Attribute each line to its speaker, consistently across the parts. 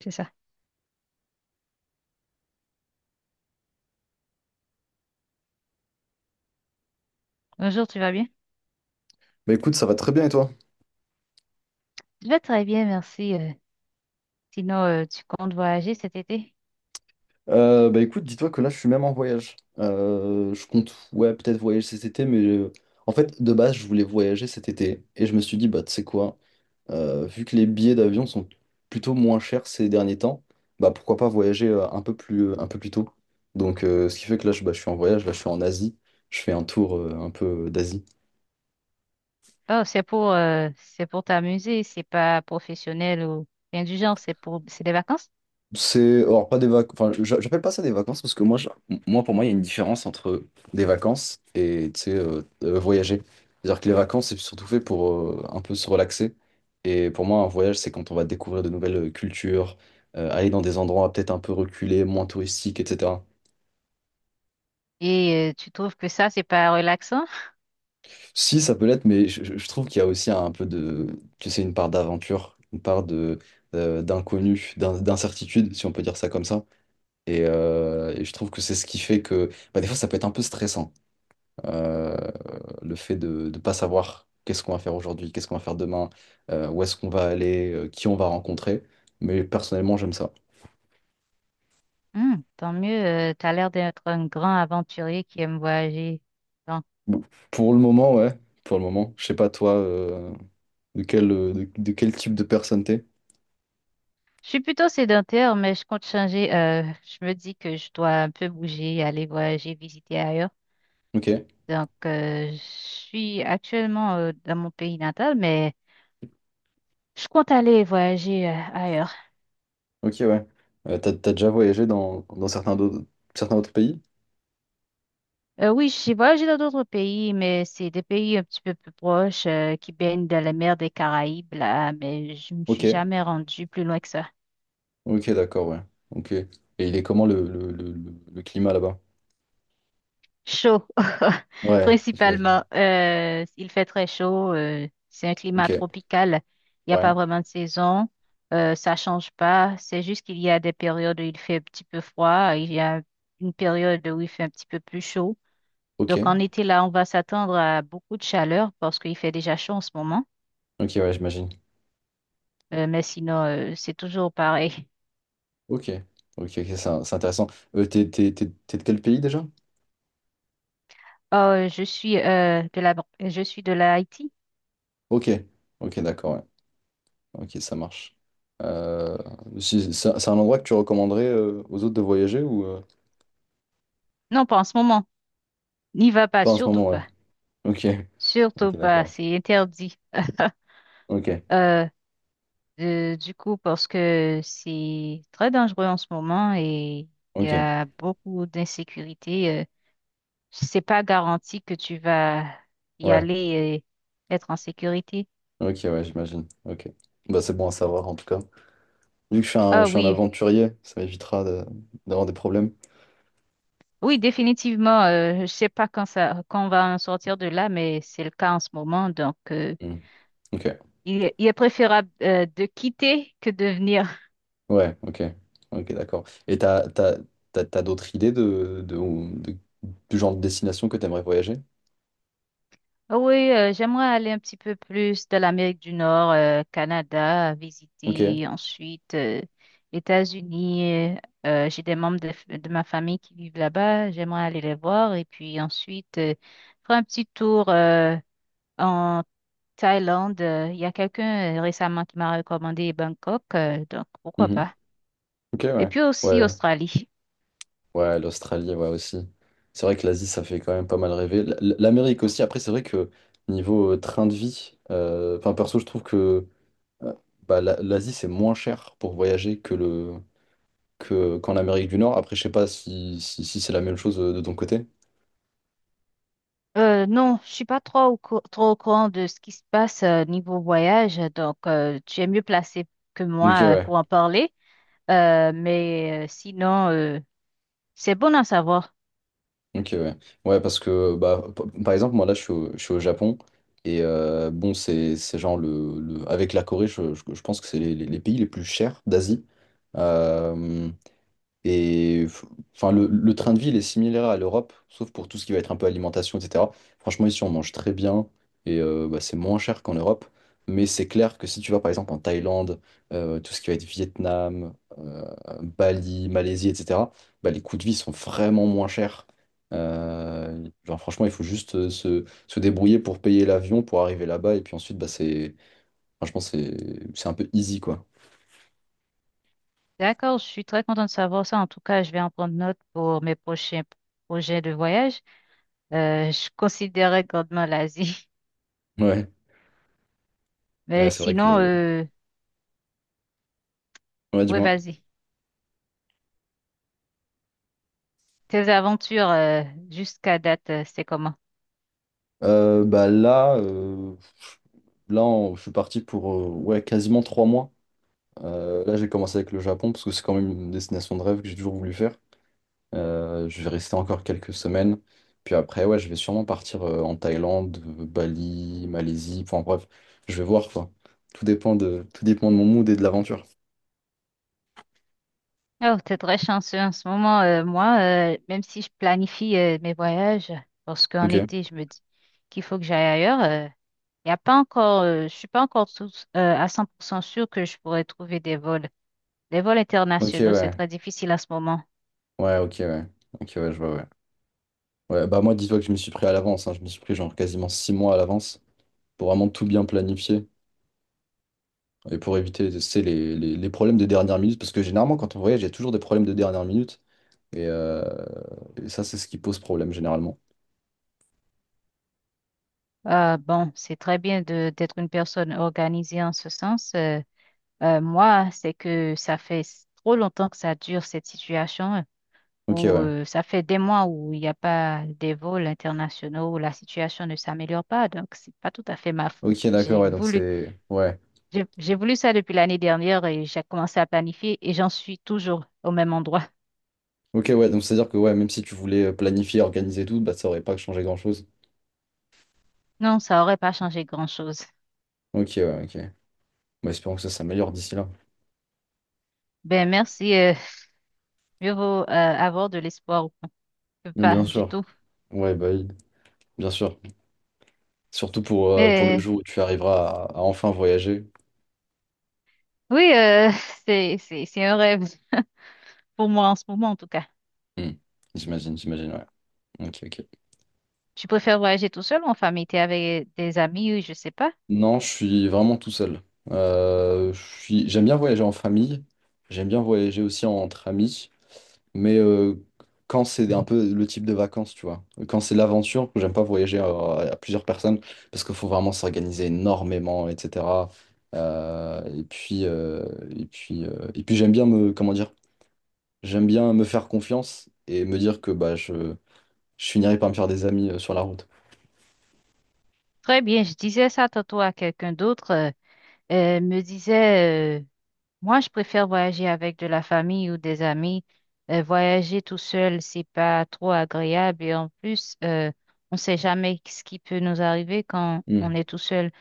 Speaker 1: C'est ça. Bonjour, tu vas bien?
Speaker 2: Bah écoute, ça va très bien et toi?
Speaker 1: Je vais très bien, merci. Sinon, tu comptes voyager cet été?
Speaker 2: Bah écoute, dis-toi que là je suis même en voyage. Je compte, ouais, peut-être voyager cet été, mais en fait, de base, je voulais voyager cet été et je me suis dit, bah tu sais quoi, vu que les billets d'avion sont plutôt moins chers ces derniers temps, bah pourquoi pas voyager un peu plus tôt. Donc, ce qui fait que là, je suis en voyage, là je suis en Asie, je fais un tour un peu d'Asie.
Speaker 1: Oh, c'est pour t'amuser, c'est pas professionnel ou rien du genre, c'est pour, c'est des vacances.
Speaker 2: Alors pas des vacances, enfin j'appelle pas ça des vacances parce que moi, pour moi il y a une différence entre des vacances et tu sais, voyager. C'est-à-dire que les vacances c'est surtout fait pour un peu se relaxer et pour moi un voyage c'est quand on va découvrir de nouvelles cultures, aller dans des endroits peut-être un peu reculés, moins touristiques, etc.
Speaker 1: Et tu trouves que ça, c'est pas relaxant?
Speaker 2: Si ça peut l'être, mais je trouve qu'il y a aussi un peu de, tu sais, une part d'aventure, une part de d'inconnu, d'incertitude si on peut dire ça comme ça. Et je trouve que c'est ce qui fait que bah, des fois ça peut être un peu stressant, euh, le fait de ne pas savoir qu'est-ce qu'on va faire aujourd'hui, qu'est-ce qu'on va faire demain, où est-ce qu'on va aller, qui on va rencontrer. Mais personnellement, j'aime ça.
Speaker 1: Hmm, tant mieux, t'as l'air d'être un grand aventurier qui aime voyager. Donc,
Speaker 2: Bon, pour le moment, ouais, pour le moment. Je sais pas toi, de quel type de personne t'es.
Speaker 1: je suis plutôt sédentaire, mais je compte changer. Je me dis que je dois un peu bouger, aller voyager, visiter ailleurs.
Speaker 2: Ok,
Speaker 1: Donc, je suis actuellement dans mon pays natal, mais je compte aller voyager ailleurs.
Speaker 2: ok, ouais. T'as, déjà voyagé dans certains, certains autres pays?
Speaker 1: Oui, j'ai voyagé dans d'autres pays, mais c'est des pays un petit peu plus proches qui baignent dans la mer des Caraïbes, là, mais je me
Speaker 2: Ok,
Speaker 1: suis jamais rendue plus loin que ça.
Speaker 2: ok, d'accord, ouais. Ok. Et il est comment le climat là-bas?
Speaker 1: Chaud,
Speaker 2: Ouais, j'imagine.
Speaker 1: principalement. Il fait très chaud. C'est un
Speaker 2: Ok,
Speaker 1: climat tropical. Il n'y a
Speaker 2: ouais,
Speaker 1: pas vraiment de saison. Ça change pas. C'est juste qu'il y a des périodes où il fait un petit peu froid. Il y a une période où il fait un petit peu plus chaud.
Speaker 2: ok,
Speaker 1: Donc en été, là, on va s'attendre à beaucoup de chaleur parce qu'il fait déjà chaud en ce moment.
Speaker 2: ok, ouais, j'imagine.
Speaker 1: Mais sinon, c'est toujours pareil.
Speaker 2: Ok, ok, ok, c'est intéressant. T'es, t'es de quel pays déjà?
Speaker 1: Oh, je suis je suis de la Haïti.
Speaker 2: Ok, ok, d'accord, ouais. Ok, ça marche. Euh, c'est un endroit que tu recommanderais, aux autres de voyager ou
Speaker 1: Non, pas en ce moment. N'y va pas,
Speaker 2: pas en ce
Speaker 1: surtout
Speaker 2: moment, ouais.
Speaker 1: pas.
Speaker 2: Ok,
Speaker 1: Surtout
Speaker 2: ok,
Speaker 1: pas,
Speaker 2: d'accord.
Speaker 1: c'est interdit.
Speaker 2: Ok,
Speaker 1: Euh, du coup, parce que c'est très dangereux en ce moment et il y
Speaker 2: ok,
Speaker 1: a beaucoup d'insécurité. C'est pas garanti que tu vas y
Speaker 2: ouais,
Speaker 1: aller et être en sécurité.
Speaker 2: ok, ouais, j'imagine. Ok, bah c'est bon à savoir en tout cas. Vu que
Speaker 1: Ah
Speaker 2: je suis un
Speaker 1: oui,
Speaker 2: aventurier, ça m'évitera d'avoir des problèmes.
Speaker 1: oui, définitivement. Je ne sais pas quand ça, quand on va en sortir de là, mais c'est le cas en ce moment. Donc,
Speaker 2: Hmm. Ok.
Speaker 1: il est préférable de quitter que de venir.
Speaker 2: Ouais, ok. Ok, d'accord. Et t'as d'autres idées de- du genre de destination que t'aimerais voyager?
Speaker 1: Oui, j'aimerais aller un petit peu plus de l'Amérique du Nord, Canada, visiter
Speaker 2: Ok.
Speaker 1: ensuite États-Unis. J'ai des membres de, de ma famille qui vivent là-bas. J'aimerais aller les voir et puis ensuite faire un petit tour Thaïlande, il y a quelqu'un récemment qui m'a recommandé Bangkok, donc pourquoi
Speaker 2: Mhm.
Speaker 1: pas.
Speaker 2: Ok,
Speaker 1: Et
Speaker 2: ouais.
Speaker 1: puis aussi
Speaker 2: Ouais,
Speaker 1: Australie.
Speaker 2: ouais, l'Australie, ouais, aussi. C'est vrai que l'Asie, ça fait quand même pas mal rêver. L'Amérique aussi, après, c'est vrai que niveau, train de vie, enfin, perso, je trouve que, euh, bah, l'Asie, c'est moins cher pour voyager qu'en Amérique du Nord. Après, je sais pas si c'est la même chose, de ton côté.
Speaker 1: Non, je suis pas trop trop au courant de ce qui se passe niveau voyage, donc tu es mieux placé que
Speaker 2: Ok,
Speaker 1: moi
Speaker 2: ouais.
Speaker 1: pour en parler. Mais sinon, c'est bon à savoir.
Speaker 2: Ok, ouais. Ouais, parce que, bah, par exemple, moi, là, je suis au Japon. Et bon, c'est genre avec la Corée, je pense que c'est les pays les plus chers d'Asie. Euh, et f- enfin, le train de vie, il est similaire à l'Europe, sauf pour tout ce qui va être un peu alimentation, etc. Franchement, ici, on mange très bien et, bah, c'est moins cher qu'en Europe. Mais c'est clair que si tu vas par exemple en Thaïlande, tout ce qui va être Vietnam, euh, Bali, Malaisie, etc., bah, les coûts de vie sont vraiment moins chers. Genre, franchement, il faut juste, se débrouiller pour payer l'avion, pour arriver là-bas. Et puis ensuite, bah, franchement, c'est un peu easy, quoi.
Speaker 1: D'accord, je suis très contente de savoir ça. En tout cas, je vais en prendre note pour mes prochains projets de voyage. Je considérais grandement l'Asie.
Speaker 2: Ouais, ouais,
Speaker 1: Mais
Speaker 2: c'est vrai
Speaker 1: sinon, euh,
Speaker 2: Ouais,
Speaker 1: oui,
Speaker 2: dis-moi.
Speaker 1: vas-y. Tes aventures jusqu'à date, c'est comment?
Speaker 2: Bah là, là je suis parti pour, ouais, quasiment 3 mois. Là, j'ai commencé avec le Japon parce que c'est quand même une destination de rêve que j'ai toujours voulu faire. Je vais rester encore quelques semaines. Puis après, ouais, je vais sûrement partir, en Thaïlande, Bali, Malaisie. Enfin bref, je vais voir quoi. Tout dépend de mon mood et de l'aventure.
Speaker 1: Oh, t'es très chanceux en ce moment. Moi, même si je planifie mes voyages, parce qu'en
Speaker 2: Ok.
Speaker 1: été, je me dis qu'il faut que j'aille ailleurs, y a pas encore, je suis pas encore à 100% sûre que je pourrais trouver des vols. Les vols
Speaker 2: Ok,
Speaker 1: internationaux, c'est
Speaker 2: ouais.
Speaker 1: très difficile en ce moment.
Speaker 2: Ouais, ok, ouais. Ok, ouais, je vois, ouais. Ouais, bah moi, dis-toi que je m'y suis pris à l'avance, hein. Je m'y suis pris genre quasiment 6 mois à l'avance pour vraiment tout bien planifier. Et pour éviter, c'est les problèmes de dernière minute, parce que généralement, quand on voyage, il y a toujours des problèmes de dernière minute. Et, euh, et ça, c'est ce qui pose problème, généralement.
Speaker 1: Bon, c'est très bien de d'être une personne organisée en ce sens. Moi, c'est que ça fait trop longtemps que ça dure, cette situation,
Speaker 2: Ok,
Speaker 1: où
Speaker 2: ouais.
Speaker 1: ça fait des mois où il n'y a pas des vols internationaux, où la situation ne s'améliore pas. Donc, c'est pas tout à fait ma faute.
Speaker 2: Ok, d'accord,
Speaker 1: J'ai
Speaker 2: ouais. Donc,
Speaker 1: voulu,
Speaker 2: c'est. Ouais.
Speaker 1: j'ai voulu ça depuis l'année dernière et j'ai commencé à planifier et j'en suis toujours au même endroit.
Speaker 2: Ok, ouais. Donc, c'est-à-dire que, ouais, même si tu voulais, planifier, organiser tout, bah, ça aurait pas changé grand-chose.
Speaker 1: Non, ça aurait pas changé grand-chose.
Speaker 2: Ok, ouais, ok. Bah, espérons que ça s'améliore d'ici là.
Speaker 1: Ben, merci. Mieux vaut avoir de l'espoir que
Speaker 2: Mais
Speaker 1: pas
Speaker 2: bien
Speaker 1: du
Speaker 2: sûr.
Speaker 1: tout.
Speaker 2: Ouais, bah, oui, bien sûr. Surtout pour, pour le
Speaker 1: Mais
Speaker 2: jour où tu arriveras à enfin voyager.
Speaker 1: oui, c'est un rêve pour moi en ce moment, en tout cas.
Speaker 2: Hmm. J'imagine, j'imagine, ouais. Ok, ok.
Speaker 1: Tu préfères voyager tout seul ou en famille? T'es avec des amis, je sais pas.
Speaker 2: Non, je suis vraiment tout seul. J'aime bien voyager en famille, j'aime bien voyager aussi entre amis, mais quand c'est un peu le type de vacances, tu vois. Quand c'est l'aventure, j'aime pas voyager à plusieurs personnes parce qu'il faut vraiment s'organiser énormément, etc. Euh, et puis, euh, et puis j'aime bien comment dire, j'aime bien me faire confiance et me dire que bah, je finirai par me faire des amis, sur la route.
Speaker 1: Très bien, je disais ça tantôt à quelqu'un d'autre. Me disait, moi, je préfère voyager avec de la famille ou des amis. Voyager tout seul, c'est pas trop agréable. Et en plus, on sait jamais ce qui peut nous arriver quand on
Speaker 2: Hmm.
Speaker 1: est tout seul.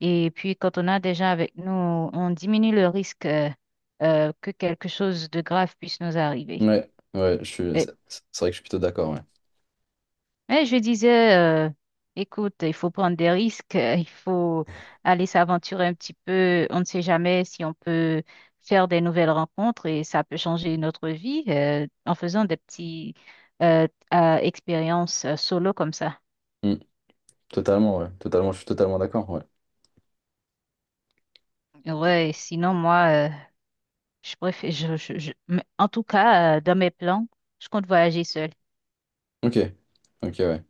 Speaker 1: Et puis, quand on a des gens avec nous, on diminue le risque, que quelque chose de grave puisse nous arriver.
Speaker 2: Ouais, ouais,
Speaker 1: Euh,
Speaker 2: c'est vrai que je suis plutôt d'accord, ouais.
Speaker 1: Mais je disais, écoute, il faut prendre des risques, il faut aller s'aventurer un petit peu. On ne sait jamais si on peut faire des nouvelles rencontres et ça peut changer notre vie en faisant des petits euh, expériences solo comme ça.
Speaker 2: Mmh. Totalement, ouais. Totalement, je suis totalement d'accord, ouais.
Speaker 1: Ouais, sinon moi, je préfère, mais en tout cas, dans mes plans, je compte voyager seule.
Speaker 2: Ok. Ok, ouais.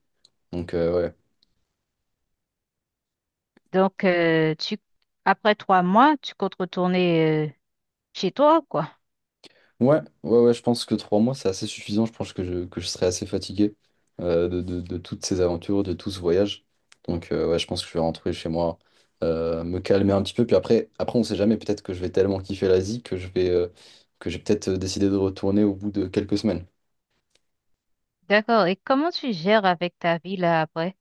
Speaker 2: Donc, ouais.
Speaker 1: Donc, tu, après trois mois, tu comptes retourner chez toi, quoi.
Speaker 2: Ouais, ouais, ouais, je pense que 3 mois, c'est assez suffisant. Je pense que que je serai assez fatigué, de toutes ces aventures, de tout ce voyage. Donc, ouais, je pense que je vais rentrer chez moi, me calmer un petit peu. Puis après, après on sait jamais, peut-être que je vais tellement kiffer l'Asie que que j'ai peut-être, décidé de retourner au bout de quelques semaines.
Speaker 1: D'accord. Et comment tu gères avec ta vie là après?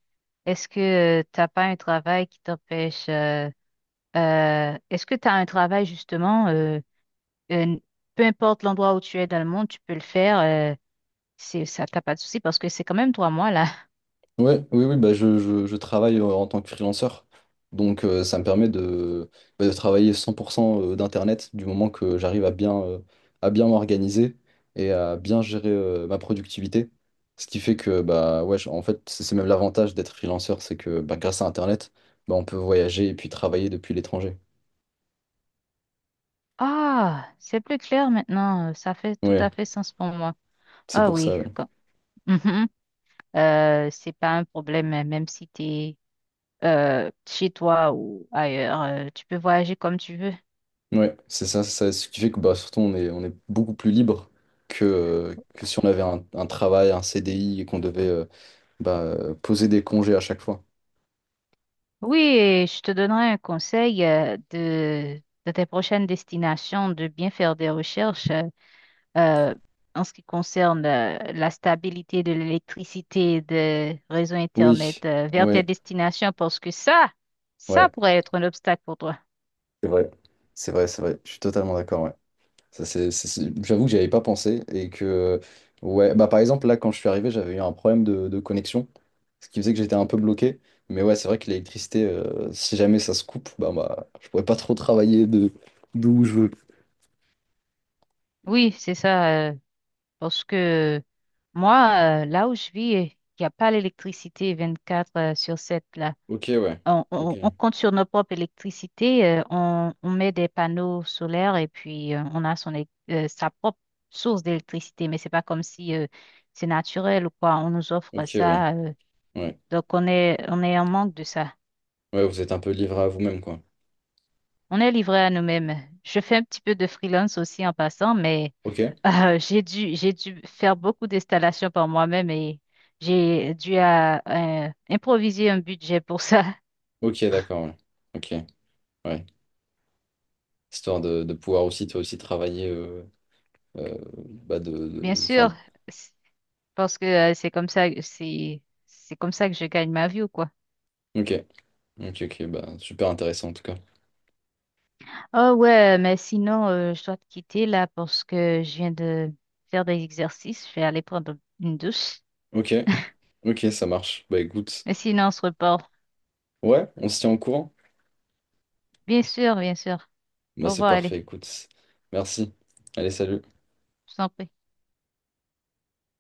Speaker 1: Est-ce que tu t'as pas un travail qui t'empêche est-ce que tu as un travail justement euh, peu importe l'endroit où tu es dans le monde, tu peux le faire c'est ça t'as pas de souci parce que c'est quand même trois mois là.
Speaker 2: Ouais, oui, oui, bah je travaille, en tant que freelanceur. Donc, ça me permet de travailler 100%, d'Internet du moment que j'arrive à bien m'organiser et à bien gérer, ma productivité. Ce qui fait que, bah, ouais, en fait, c'est même l'avantage d'être freelanceur, c'est que bah, grâce à Internet, bah, on peut voyager et puis travailler depuis l'étranger.
Speaker 1: Ah, c'est plus clair maintenant. Ça fait tout
Speaker 2: Ouais,
Speaker 1: à fait sens pour moi.
Speaker 2: c'est
Speaker 1: Ah
Speaker 2: pour ça,
Speaker 1: oui,
Speaker 2: ouais.
Speaker 1: quand- Mhm. C'est pas un problème, hein, même si tu es chez toi ou ailleurs, tu peux voyager comme tu veux.
Speaker 2: Ouais, c'est ça, c'est ça. Ce qui fait que bah, surtout on est beaucoup plus libre que si on avait un travail, un CDI et qu'on devait, bah, poser des congés à chaque fois.
Speaker 1: Oui, et je te donnerai un conseil de tes prochaines destinations, de bien faire des recherches euh, en ce qui concerne la stabilité de l'électricité des réseaux Internet
Speaker 2: Oui,
Speaker 1: vers
Speaker 2: oui,
Speaker 1: tes destinations, parce que ça
Speaker 2: ouais,
Speaker 1: pourrait être un obstacle pour toi.
Speaker 2: c'est vrai. C'est vrai, c'est vrai. Je suis totalement d'accord, ouais. Ça, c'est- J'avoue que j'y avais pas pensé et que, ouais, bah par exemple, là, quand je suis arrivé, j'avais eu un problème de connexion, ce qui faisait que j'étais un peu bloqué. Mais ouais, c'est vrai que l'électricité, si jamais ça se coupe, bah je pourrais pas trop travailler de d'où je veux.
Speaker 1: Oui, c'est ça, parce que moi, là où je vis, il n'y a pas l'électricité 24 sur 7 là.
Speaker 2: Ok, ouais.
Speaker 1: On,
Speaker 2: Ok,
Speaker 1: on- on compte sur notre propre électricité, on met des panneaux solaires et puis on a sa propre source d'électricité, mais c'est pas comme si c'est naturel ou quoi, on nous offre
Speaker 2: ok, oui.
Speaker 1: ça.
Speaker 2: Ouais.
Speaker 1: Donc on est en manque de ça.
Speaker 2: Ouais, vous êtes un peu livré à vous-même, quoi.
Speaker 1: On est livré à nous-mêmes. Je fais un petit peu de freelance aussi en passant, mais
Speaker 2: Ok,
Speaker 1: j'ai dû faire beaucoup d'installations par moi-même et j'ai dû à, improviser un budget pour ça.
Speaker 2: ok, d'accord, ouais. Ok, ouais. Histoire de pouvoir aussi toi aussi travailler, euh, bah
Speaker 1: Bien
Speaker 2: enfin.
Speaker 1: sûr. Parce que c'est comme ça, c'est comme ça que je gagne ma vie ou quoi.
Speaker 2: Ok, ok, ok, bah super intéressant en tout cas.
Speaker 1: Oh ouais, mais sinon, je dois te quitter là parce que je viens de faire des exercices. Je vais aller prendre une douche.
Speaker 2: Ok, ok, ça marche, bah écoute.
Speaker 1: Mais sinon, on se reparle.
Speaker 2: Ouais, on se tient au courant.
Speaker 1: Bien sûr, bien sûr.
Speaker 2: Bah
Speaker 1: Au
Speaker 2: c'est
Speaker 1: revoir, allez.
Speaker 2: parfait, écoute. Merci. Allez, salut.
Speaker 1: Je t'en prie.